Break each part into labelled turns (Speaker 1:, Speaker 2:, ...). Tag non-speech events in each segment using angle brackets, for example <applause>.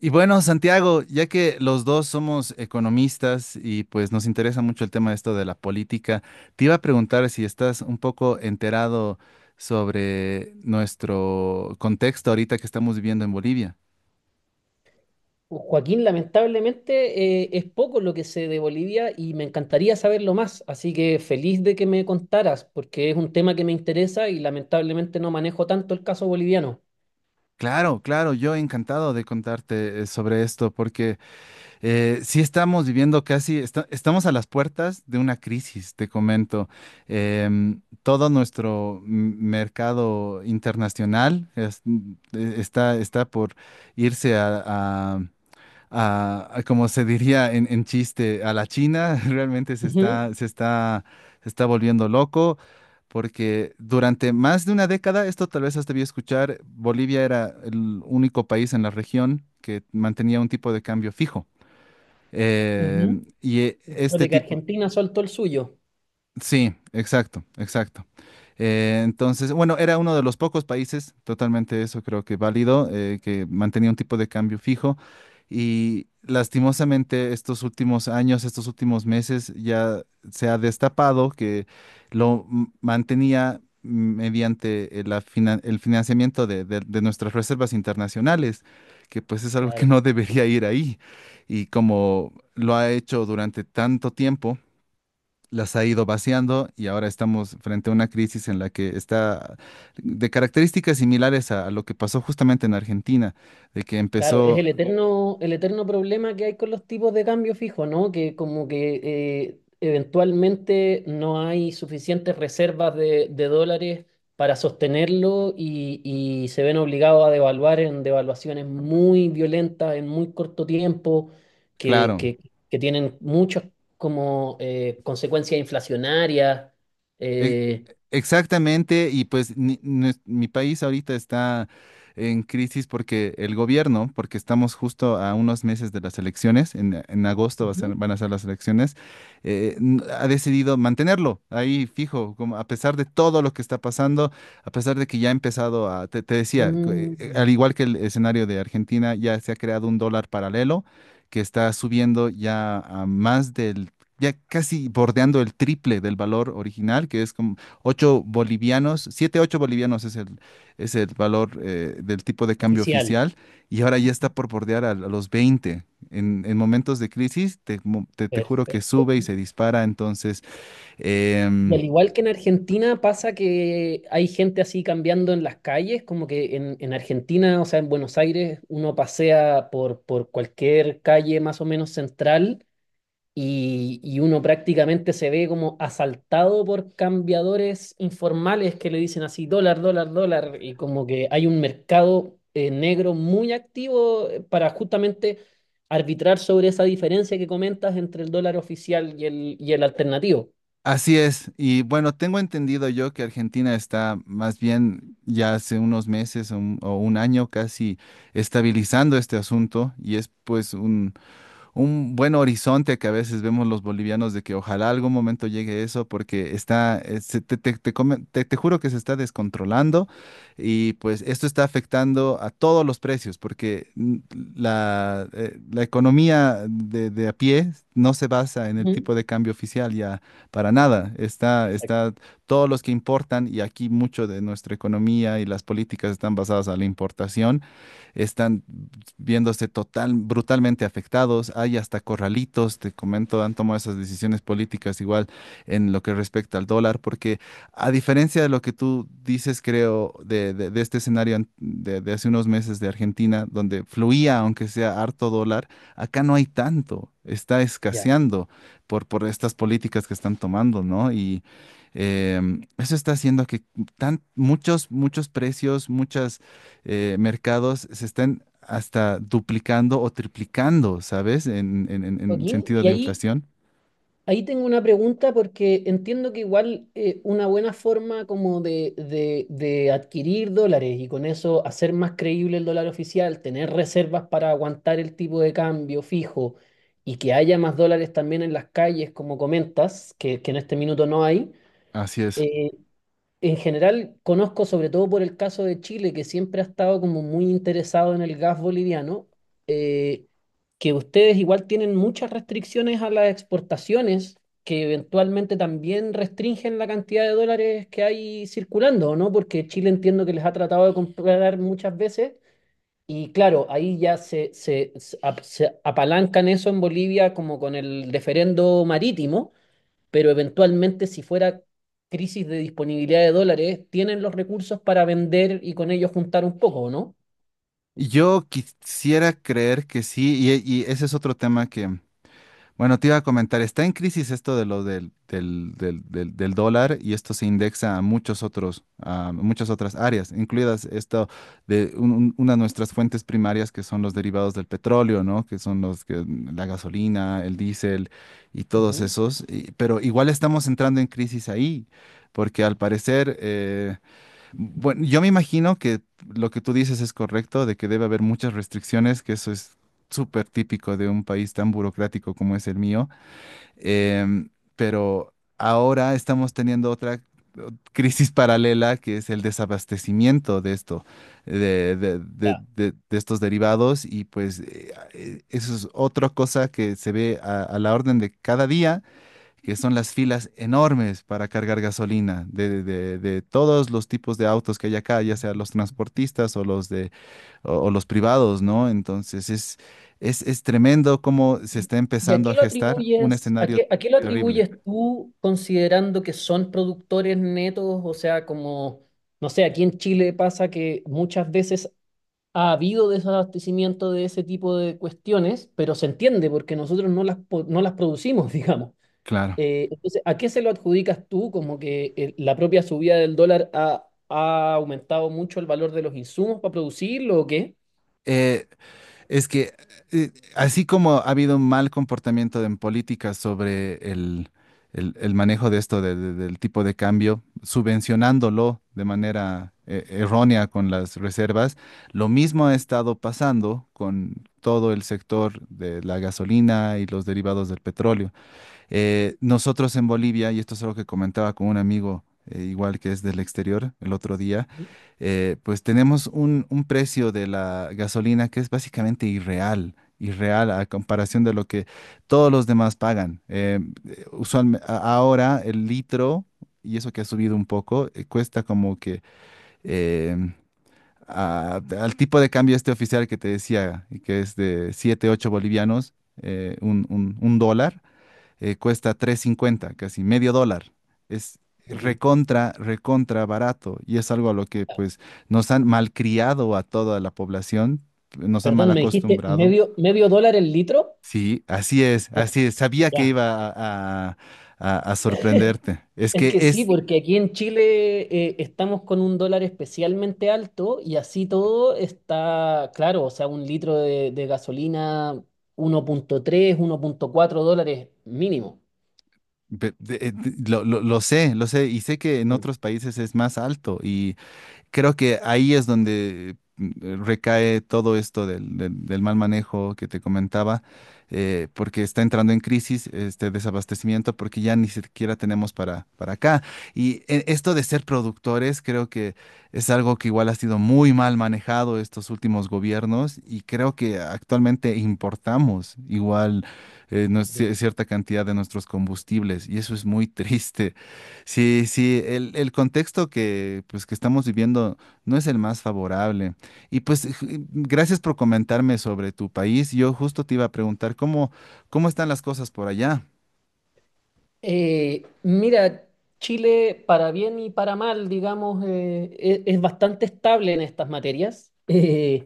Speaker 1: Y bueno, Santiago, ya que los dos somos economistas y pues nos interesa mucho el tema de esto de la política, te iba a preguntar si estás un poco enterado sobre nuestro contexto ahorita que estamos viviendo en Bolivia.
Speaker 2: Joaquín, lamentablemente es poco lo que sé de Bolivia y me encantaría saberlo más, así que feliz de que me contaras, porque es un tema que me interesa y lamentablemente no manejo tanto el caso boliviano.
Speaker 1: Claro, claro, yo encantado de contarte sobre esto porque sí estamos viviendo casi, estamos a las puertas de una crisis, te comento. Todo nuestro mercado internacional está, está por irse a, como se diría en chiste, a la China. <laughs> Realmente se
Speaker 2: Ujú,
Speaker 1: está, se está volviendo loco. Porque durante más de una década, esto tal vez has debido escuchar, Bolivia era el único país en la región que mantenía un tipo de cambio fijo. Eh,
Speaker 2: ujú. Después
Speaker 1: este
Speaker 2: de que
Speaker 1: tipo,
Speaker 2: Argentina soltó el suyo.
Speaker 1: sí, exacto, exacto. Entonces, bueno, era uno de los pocos países, totalmente eso creo que válido, que mantenía un tipo de cambio fijo. Y lastimosamente estos últimos años, estos últimos meses, ya se ha destapado que lo mantenía mediante la el financiamiento de, de nuestras reservas internacionales, que pues es algo que
Speaker 2: Claro.
Speaker 1: no debería ir ahí. Y como lo ha hecho durante tanto tiempo, las ha ido vaciando y ahora estamos frente a una crisis en la que está de características similares a lo que pasó justamente en Argentina, de que
Speaker 2: Claro, es
Speaker 1: empezó,
Speaker 2: el eterno problema que hay con los tipos de cambio fijo, ¿no? Que como que eventualmente no hay suficientes reservas de dólares para sostenerlo y se ven obligados a devaluar en devaluaciones muy violentas en muy corto tiempo, que,
Speaker 1: claro,
Speaker 2: que- que tienen muchas como consecuencias inflacionarias.
Speaker 1: E-
Speaker 2: eh,
Speaker 1: exactamente, y pues mi país ahorita está en crisis porque el gobierno, porque estamos justo a unos meses de las elecciones, en agosto
Speaker 2: Ujú.
Speaker 1: van a ser las elecciones, ha decidido mantenerlo ahí fijo, como a pesar de todo lo que está pasando, a pesar de que ya ha empezado a, te decía, que,
Speaker 2: Mm,
Speaker 1: al igual que el escenario de Argentina, ya se ha creado un dólar paralelo que está subiendo ya a más del ya casi bordeando el triple del valor original, que es como 8 bolivianos, 7 8 bolivianos es el valor del tipo de cambio
Speaker 2: oficial.
Speaker 1: oficial, y ahora ya está por bordear a los veinte. En momentos de crisis, te, te juro que
Speaker 2: Perfecto.
Speaker 1: sube y se dispara, entonces...
Speaker 2: Y
Speaker 1: em,
Speaker 2: al igual que en Argentina pasa que hay gente así cambiando en las calles, como que en Argentina, o sea, en Buenos Aires, uno pasea por cualquier calle más o menos central y uno prácticamente se ve como asaltado por cambiadores informales que le dicen así, dólar, dólar, dólar, y como que hay un mercado negro muy activo para justamente arbitrar sobre esa diferencia que comentas entre el dólar oficial y el alternativo.
Speaker 1: así es, y bueno, tengo entendido yo que Argentina está más bien ya hace unos meses o un año casi estabilizando este asunto y es pues un buen horizonte que a veces vemos los bolivianos de que ojalá algún momento llegue eso porque está, te, te juro que se está descontrolando y pues esto está afectando a todos los precios porque la, la economía de a pie no se basa en el
Speaker 2: Ujú.
Speaker 1: tipo de cambio oficial ya para nada. Está, está todos los que importan y aquí mucho de nuestra economía y las políticas están basadas a la importación están viéndose total, brutalmente afectados. Hay hasta corralitos, te comento, han tomado esas decisiones políticas igual en lo que respecta al dólar, porque a diferencia de lo que tú dices, creo, de, de este de hace unos meses de Argentina, donde fluía, aunque sea harto dólar, acá no hay tanto, está
Speaker 2: Ya.
Speaker 1: escaseando por estas políticas que están tomando, ¿no? Y eso está haciendo que tan, muchos, muchos precios, muchas mercados se están hasta duplicando o triplicando, ¿sabes? En, en
Speaker 2: Joaquín,
Speaker 1: sentido
Speaker 2: y
Speaker 1: de
Speaker 2: ahí,
Speaker 1: inflación.
Speaker 2: ahí tengo una pregunta porque entiendo que igual una buena forma como de adquirir dólares y con eso hacer más creíble el dólar oficial, tener reservas para aguantar el tipo de cambio fijo y que haya más dólares también en las calles, como comentas, que en este minuto no hay.
Speaker 1: Así es.
Speaker 2: eh, En general, conozco sobre todo por el caso de Chile, que siempre ha estado como muy interesado en el gas boliviano, eh, que ustedes igual tienen muchas restricciones a las exportaciones, que eventualmente también restringen la cantidad de dólares que hay circulando, ¿o no? Porque Chile entiendo que les ha tratado de comprar muchas veces. Y claro, ahí ya se apalancan eso en Bolivia como con el referendo marítimo, pero eventualmente si fuera crisis de disponibilidad de dólares, tienen los recursos para vender y con ellos juntar un poco, ¿no?
Speaker 1: Yo quisiera creer que sí, y ese es otro tema que, bueno, te iba a comentar, está en crisis esto de lo del, del, del dólar y esto se indexa a muchos otros, a muchas otras áreas, incluidas esto de una de nuestras fuentes primarias que son los derivados del petróleo, ¿no? Que son los que la gasolina, el diésel y todos
Speaker 2: Ujú.
Speaker 1: esos. Pero igual estamos entrando en crisis ahí, porque al parecer bueno, yo me imagino que lo que tú dices es correcto, de que debe haber muchas restricciones, que eso es súper típico de un país tan burocrático como es el mío. Em, pero ahora estamos teniendo otra crisis <laughs> paralela, que es el desabastecimiento de esto, de,
Speaker 2: Ya.
Speaker 1: de estos derivados. Y pues eso es otra cosa que se ve a la orden de cada día que son las filas enormes para cargar gasolina de, de todos los tipos de autos que hay acá, ya sea los transportistas o los de, o los privados, ¿no? Entonces es tremendo cómo se está
Speaker 2: ¿Y a
Speaker 1: empezando
Speaker 2: qué
Speaker 1: a
Speaker 2: lo
Speaker 1: gestar un
Speaker 2: atribuyes, a
Speaker 1: escenario
Speaker 2: qué, a qué lo
Speaker 1: terrible.
Speaker 2: atribuyes tú considerando que son productores netos? O sea, como, no sé, aquí en Chile pasa que muchas veces ha habido desabastecimiento de ese tipo de cuestiones, pero se entiende porque nosotros no las producimos, <laughs> digamos.
Speaker 1: Claro.
Speaker 2: Entonces, ¿a qué se lo adjudicas tú? Como que la propia subida del dólar ha aumentado mucho el valor de los insumos para producirlo, ¿o qué?
Speaker 1: Eh, es que así como ha habido un mal comportamiento en política sobre el, el manejo de esto, del tipo de cambio, subvencionándolo de manera errónea con las reservas, lo mismo ha estado pasando con todo el sector de la gasolina y los derivados del petróleo. Nosotros en Bolivia, y esto es algo que comentaba con un amigo, igual que es del exterior, el otro día,
Speaker 2: Ujú.
Speaker 1: pues tenemos un precio de la gasolina que es básicamente irreal, irreal a comparación de lo que todos los demás pagan. Ahora el litro, y eso que ha subido un poco, cuesta como que em, al tipo de cambio este oficial que te decía, que es de 7 8 bolivianos, un un dólar cuesta tres cincuenta casi medio dólar. Es
Speaker 2: Ujú.
Speaker 1: recontra, recontra barato y es algo a lo que pues nos han malcriado a toda la población, nos han mal
Speaker 2: Perdón, me dijiste
Speaker 1: acostumbrado.
Speaker 2: medio, medio dólar el litro.
Speaker 1: Sí, así es, así es. Sabía que
Speaker 2: Ya.
Speaker 1: iba a, a- a sorprenderte. Es
Speaker 2: Es
Speaker 1: que
Speaker 2: que sí,
Speaker 1: es,
Speaker 2: porque aquí en Chile estamos con un dólar especialmente alto y así todo está, claro, o sea, un litro de gasolina 1.3, $1.4 mínimo.
Speaker 1: lo, lo sé y sé que en
Speaker 2: Mm.
Speaker 1: otros países es más alto y creo que ahí es donde recae todo esto del, del mal manejo que te comentaba, porque está entrando en crisis este desabastecimiento, porque ya ni siquiera tenemos para acá. Y esto de ser productores, creo que es algo que igual ha sido muy mal manejado estos últimos gobiernos y creo que actualmente importamos igual
Speaker 2: Ya.
Speaker 1: cierta cantidad de nuestros combustibles y eso es muy <laughs> triste. Sí, sí, el contexto que, pues, que estamos viviendo no es el más favorable. Y pues gracias por comentarme sobre tu país. Yo justo te iba a preguntar cómo, cómo están las cosas por allá.
Speaker 2: Mira, Chile, para bien y para mal, digamos, es, bastante estable en estas materias. <laughs>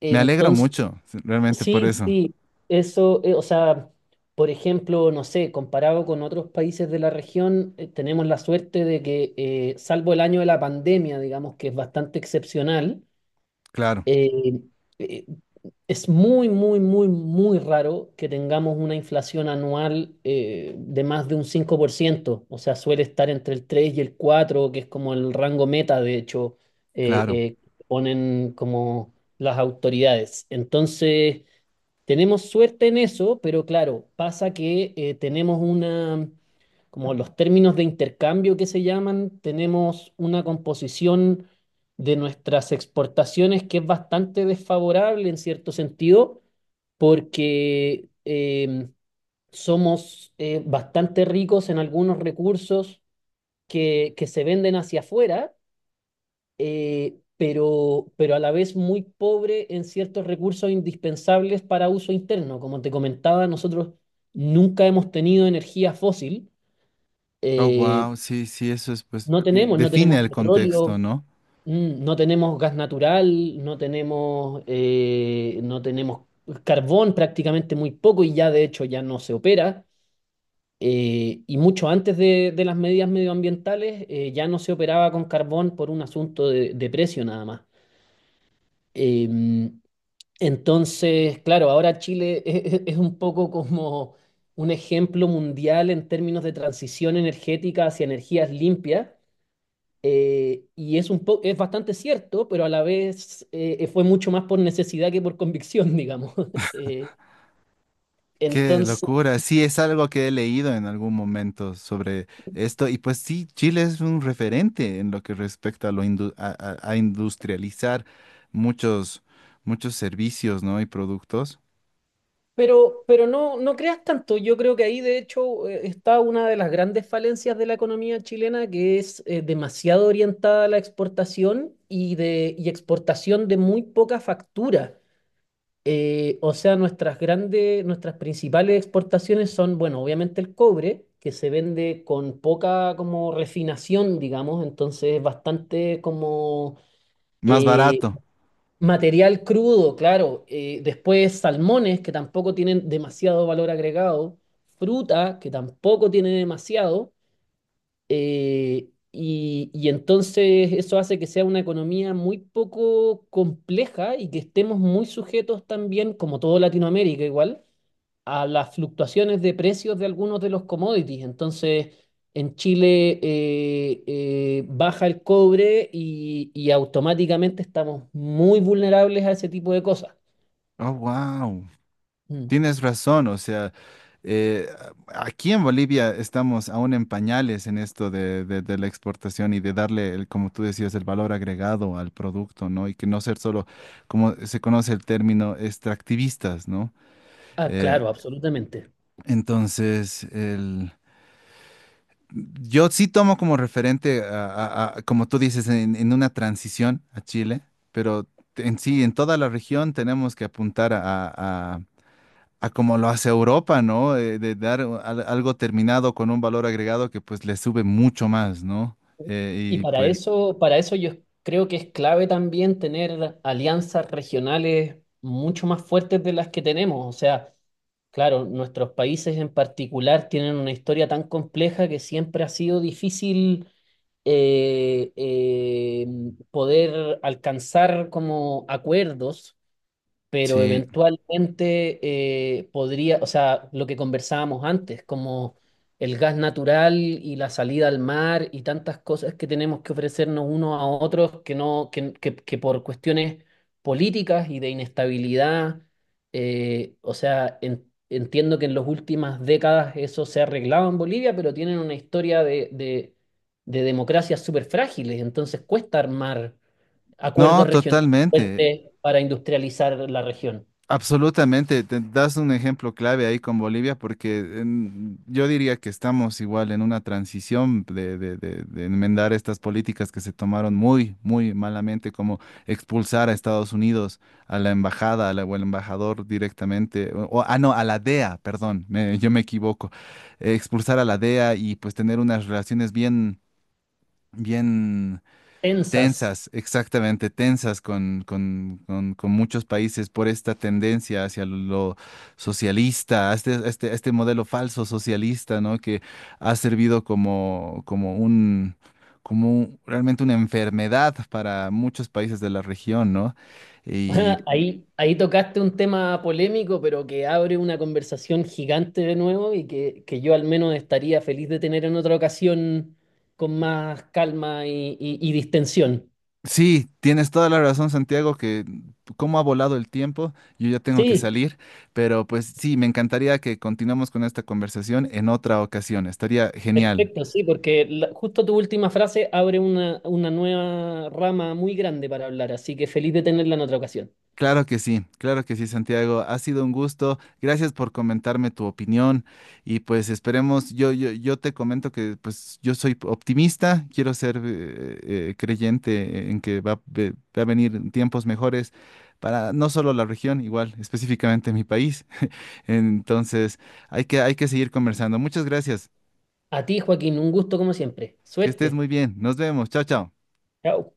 Speaker 2: Eh,
Speaker 1: Me alegro
Speaker 2: entonces,
Speaker 1: mucho, realmente por
Speaker 2: sí,
Speaker 1: eso.
Speaker 2: sí, eso, o sea, por ejemplo, no sé, comparado con otros países de la región, tenemos la suerte de que, salvo el año de la pandemia, digamos, que es bastante excepcional,
Speaker 1: Claro,
Speaker 2: eh, eh, es muy, muy, muy, muy raro que tengamos una inflación anual de más de un 5%. O sea, suele estar entre el 3 y el cuatro, que es como el rango meta, de hecho, eh,
Speaker 1: claro.
Speaker 2: eh, ponen como las autoridades. Entonces, tenemos suerte en eso, pero claro, pasa que tenemos una como los términos de intercambio que se llaman, tenemos una composición de nuestras exportaciones que es bastante desfavorable en cierto sentido, porque somos bastante ricos en algunos recursos que se venden hacia afuera, pero a la vez muy pobre en ciertos recursos indispensables para uso interno. Como te comentaba, nosotros nunca hemos tenido energía fósil.
Speaker 1: Oh,
Speaker 2: eh,
Speaker 1: wow, sí, sí, eso es, pues,
Speaker 2: No
Speaker 1: que
Speaker 2: tenemos, no
Speaker 1: define
Speaker 2: tenemos
Speaker 1: el contexto,
Speaker 2: petróleo,
Speaker 1: ¿no?
Speaker 2: no tenemos gas natural, no tenemos carbón, prácticamente muy poco y ya de hecho ya no se opera. Y mucho antes de las medidas medioambientales ya no se operaba con carbón por un asunto de precio nada más. Eh, entonces, claro, ahora Chile <laughs> es un poco como un ejemplo mundial en términos de transición energética hacia energías limpias. Y es bastante cierto, pero a la vez fue mucho más por necesidad que por convicción, <laughs> digamos. Eh,
Speaker 1: Qué
Speaker 2: entonces,
Speaker 1: locura. Sí, es algo que he leído en algún momento sobre esto. Y pues sí, Chile es un referente en lo que respecta a a industrializar muchos, muchos servicios, ¿no? Y productos
Speaker 2: pero no, no creas tanto. Yo creo que ahí, de hecho, está una de las grandes falencias de la economía chilena, que es demasiado orientada a la exportación y exportación de muy poca factura. O sea, nuestras grandes, nuestras principales exportaciones son, bueno, obviamente el cobre, que se vende con poca como refinación, digamos, entonces bastante como
Speaker 1: más
Speaker 2: eh,
Speaker 1: barato.
Speaker 2: material crudo, claro. Después salmones, que tampoco tienen demasiado valor agregado, fruta, que tampoco tiene demasiado. Y entonces eso hace que sea una economía muy poco compleja y que estemos muy sujetos también, como todo Latinoamérica igual, a las fluctuaciones de precios de algunos de los commodities. Entonces, en Chile baja el cobre y automáticamente estamos muy vulnerables a ese tipo de cosas.
Speaker 1: Oh, wow.
Speaker 2: Mm.
Speaker 1: Tienes razón, o sea, eh, aquí en Bolivia estamos aún en pañales en esto de, de la exportación y de darle, el, como tú decías, el valor agregado al producto, ¿no? Y que no ser solo, como se conoce el término, extractivistas, ¿no?
Speaker 2: Ah,
Speaker 1: Eh,
Speaker 2: claro, absolutamente.
Speaker 1: entonces, el... Yo sí tomo como referente, como tú dices, en una transición a Chile, pero en sí, en toda la región tenemos que apuntar a como lo hace Europa, ¿no? De dar algo terminado con un valor agregado que pues le sube mucho más, ¿no? Eh,
Speaker 2: Y
Speaker 1: y pues
Speaker 2: para eso yo creo que es clave también tener alianzas regionales mucho más fuertes de las que tenemos. O sea, claro, nuestros países en particular tienen una historia tan compleja que siempre ha sido difícil eh, eh, poder alcanzar como acuerdos, pero
Speaker 1: sí,
Speaker 2: eventualmente podría, o sea, lo que conversábamos antes, como el gas natural y la salida al mar y tantas cosas que tenemos que ofrecernos unos a otros, que no, que por cuestiones políticas y de inestabilidad, o sea, entiendo que en las últimas décadas eso se ha arreglado en Bolivia, pero tienen una historia de, de democracias súper frágiles, entonces cuesta armar
Speaker 1: no,
Speaker 2: acuerdos regionales
Speaker 1: totalmente.
Speaker 2: fuertes para industrializar la región.
Speaker 1: Absolutamente, te das un ejemplo clave ahí con Bolivia porque yo diría que estamos igual en una transición de, de enmendar estas políticas que se tomaron muy, muy malamente, como expulsar a Estados Unidos, a la embajada, o al embajador directamente, o, ah, no, a la DEA, perdón, yo me equivoco, expulsar a la DEA y pues tener unas relaciones bien, bien...
Speaker 2: Tensas.
Speaker 1: Tensas, exactamente, tensas con, con muchos países por esta tendencia hacia lo socialista, a este, a este, a este modelo falso socialista, ¿no? Que ha servido como, como un, realmente una enfermedad para muchos países de la región, ¿no? Y
Speaker 2: <laughs> Ahí tocaste un tema polémico, pero que abre una conversación gigante de nuevo y que yo al menos estaría feliz de tener en otra ocasión con más calma y distensión.
Speaker 1: sí, tienes toda la razón, Santiago, que cómo ha volado el tiempo, yo ya tengo que
Speaker 2: Sí,
Speaker 1: salir, pero pues sí, me encantaría que continuemos con esta conversación en otra ocasión, estaría genial.
Speaker 2: perfecto, sí, porque justo tu última frase abre una, nueva rama muy grande para hablar, así que feliz de tenerla en otra ocasión.
Speaker 1: Claro que sí, Santiago. Ha sido un gusto. Gracias por comentarme tu opinión y pues esperemos, yo te comento que pues yo soy optimista, quiero ser creyente en que va a venir tiempos mejores para no solo la región, igual específicamente mi país. Entonces hay que seguir conversando. Muchas gracias,
Speaker 2: A ti, Joaquín, un gusto como siempre.
Speaker 1: que estés
Speaker 2: Suerte.
Speaker 1: muy bien. Nos vemos. Chao, chao.
Speaker 2: Chao.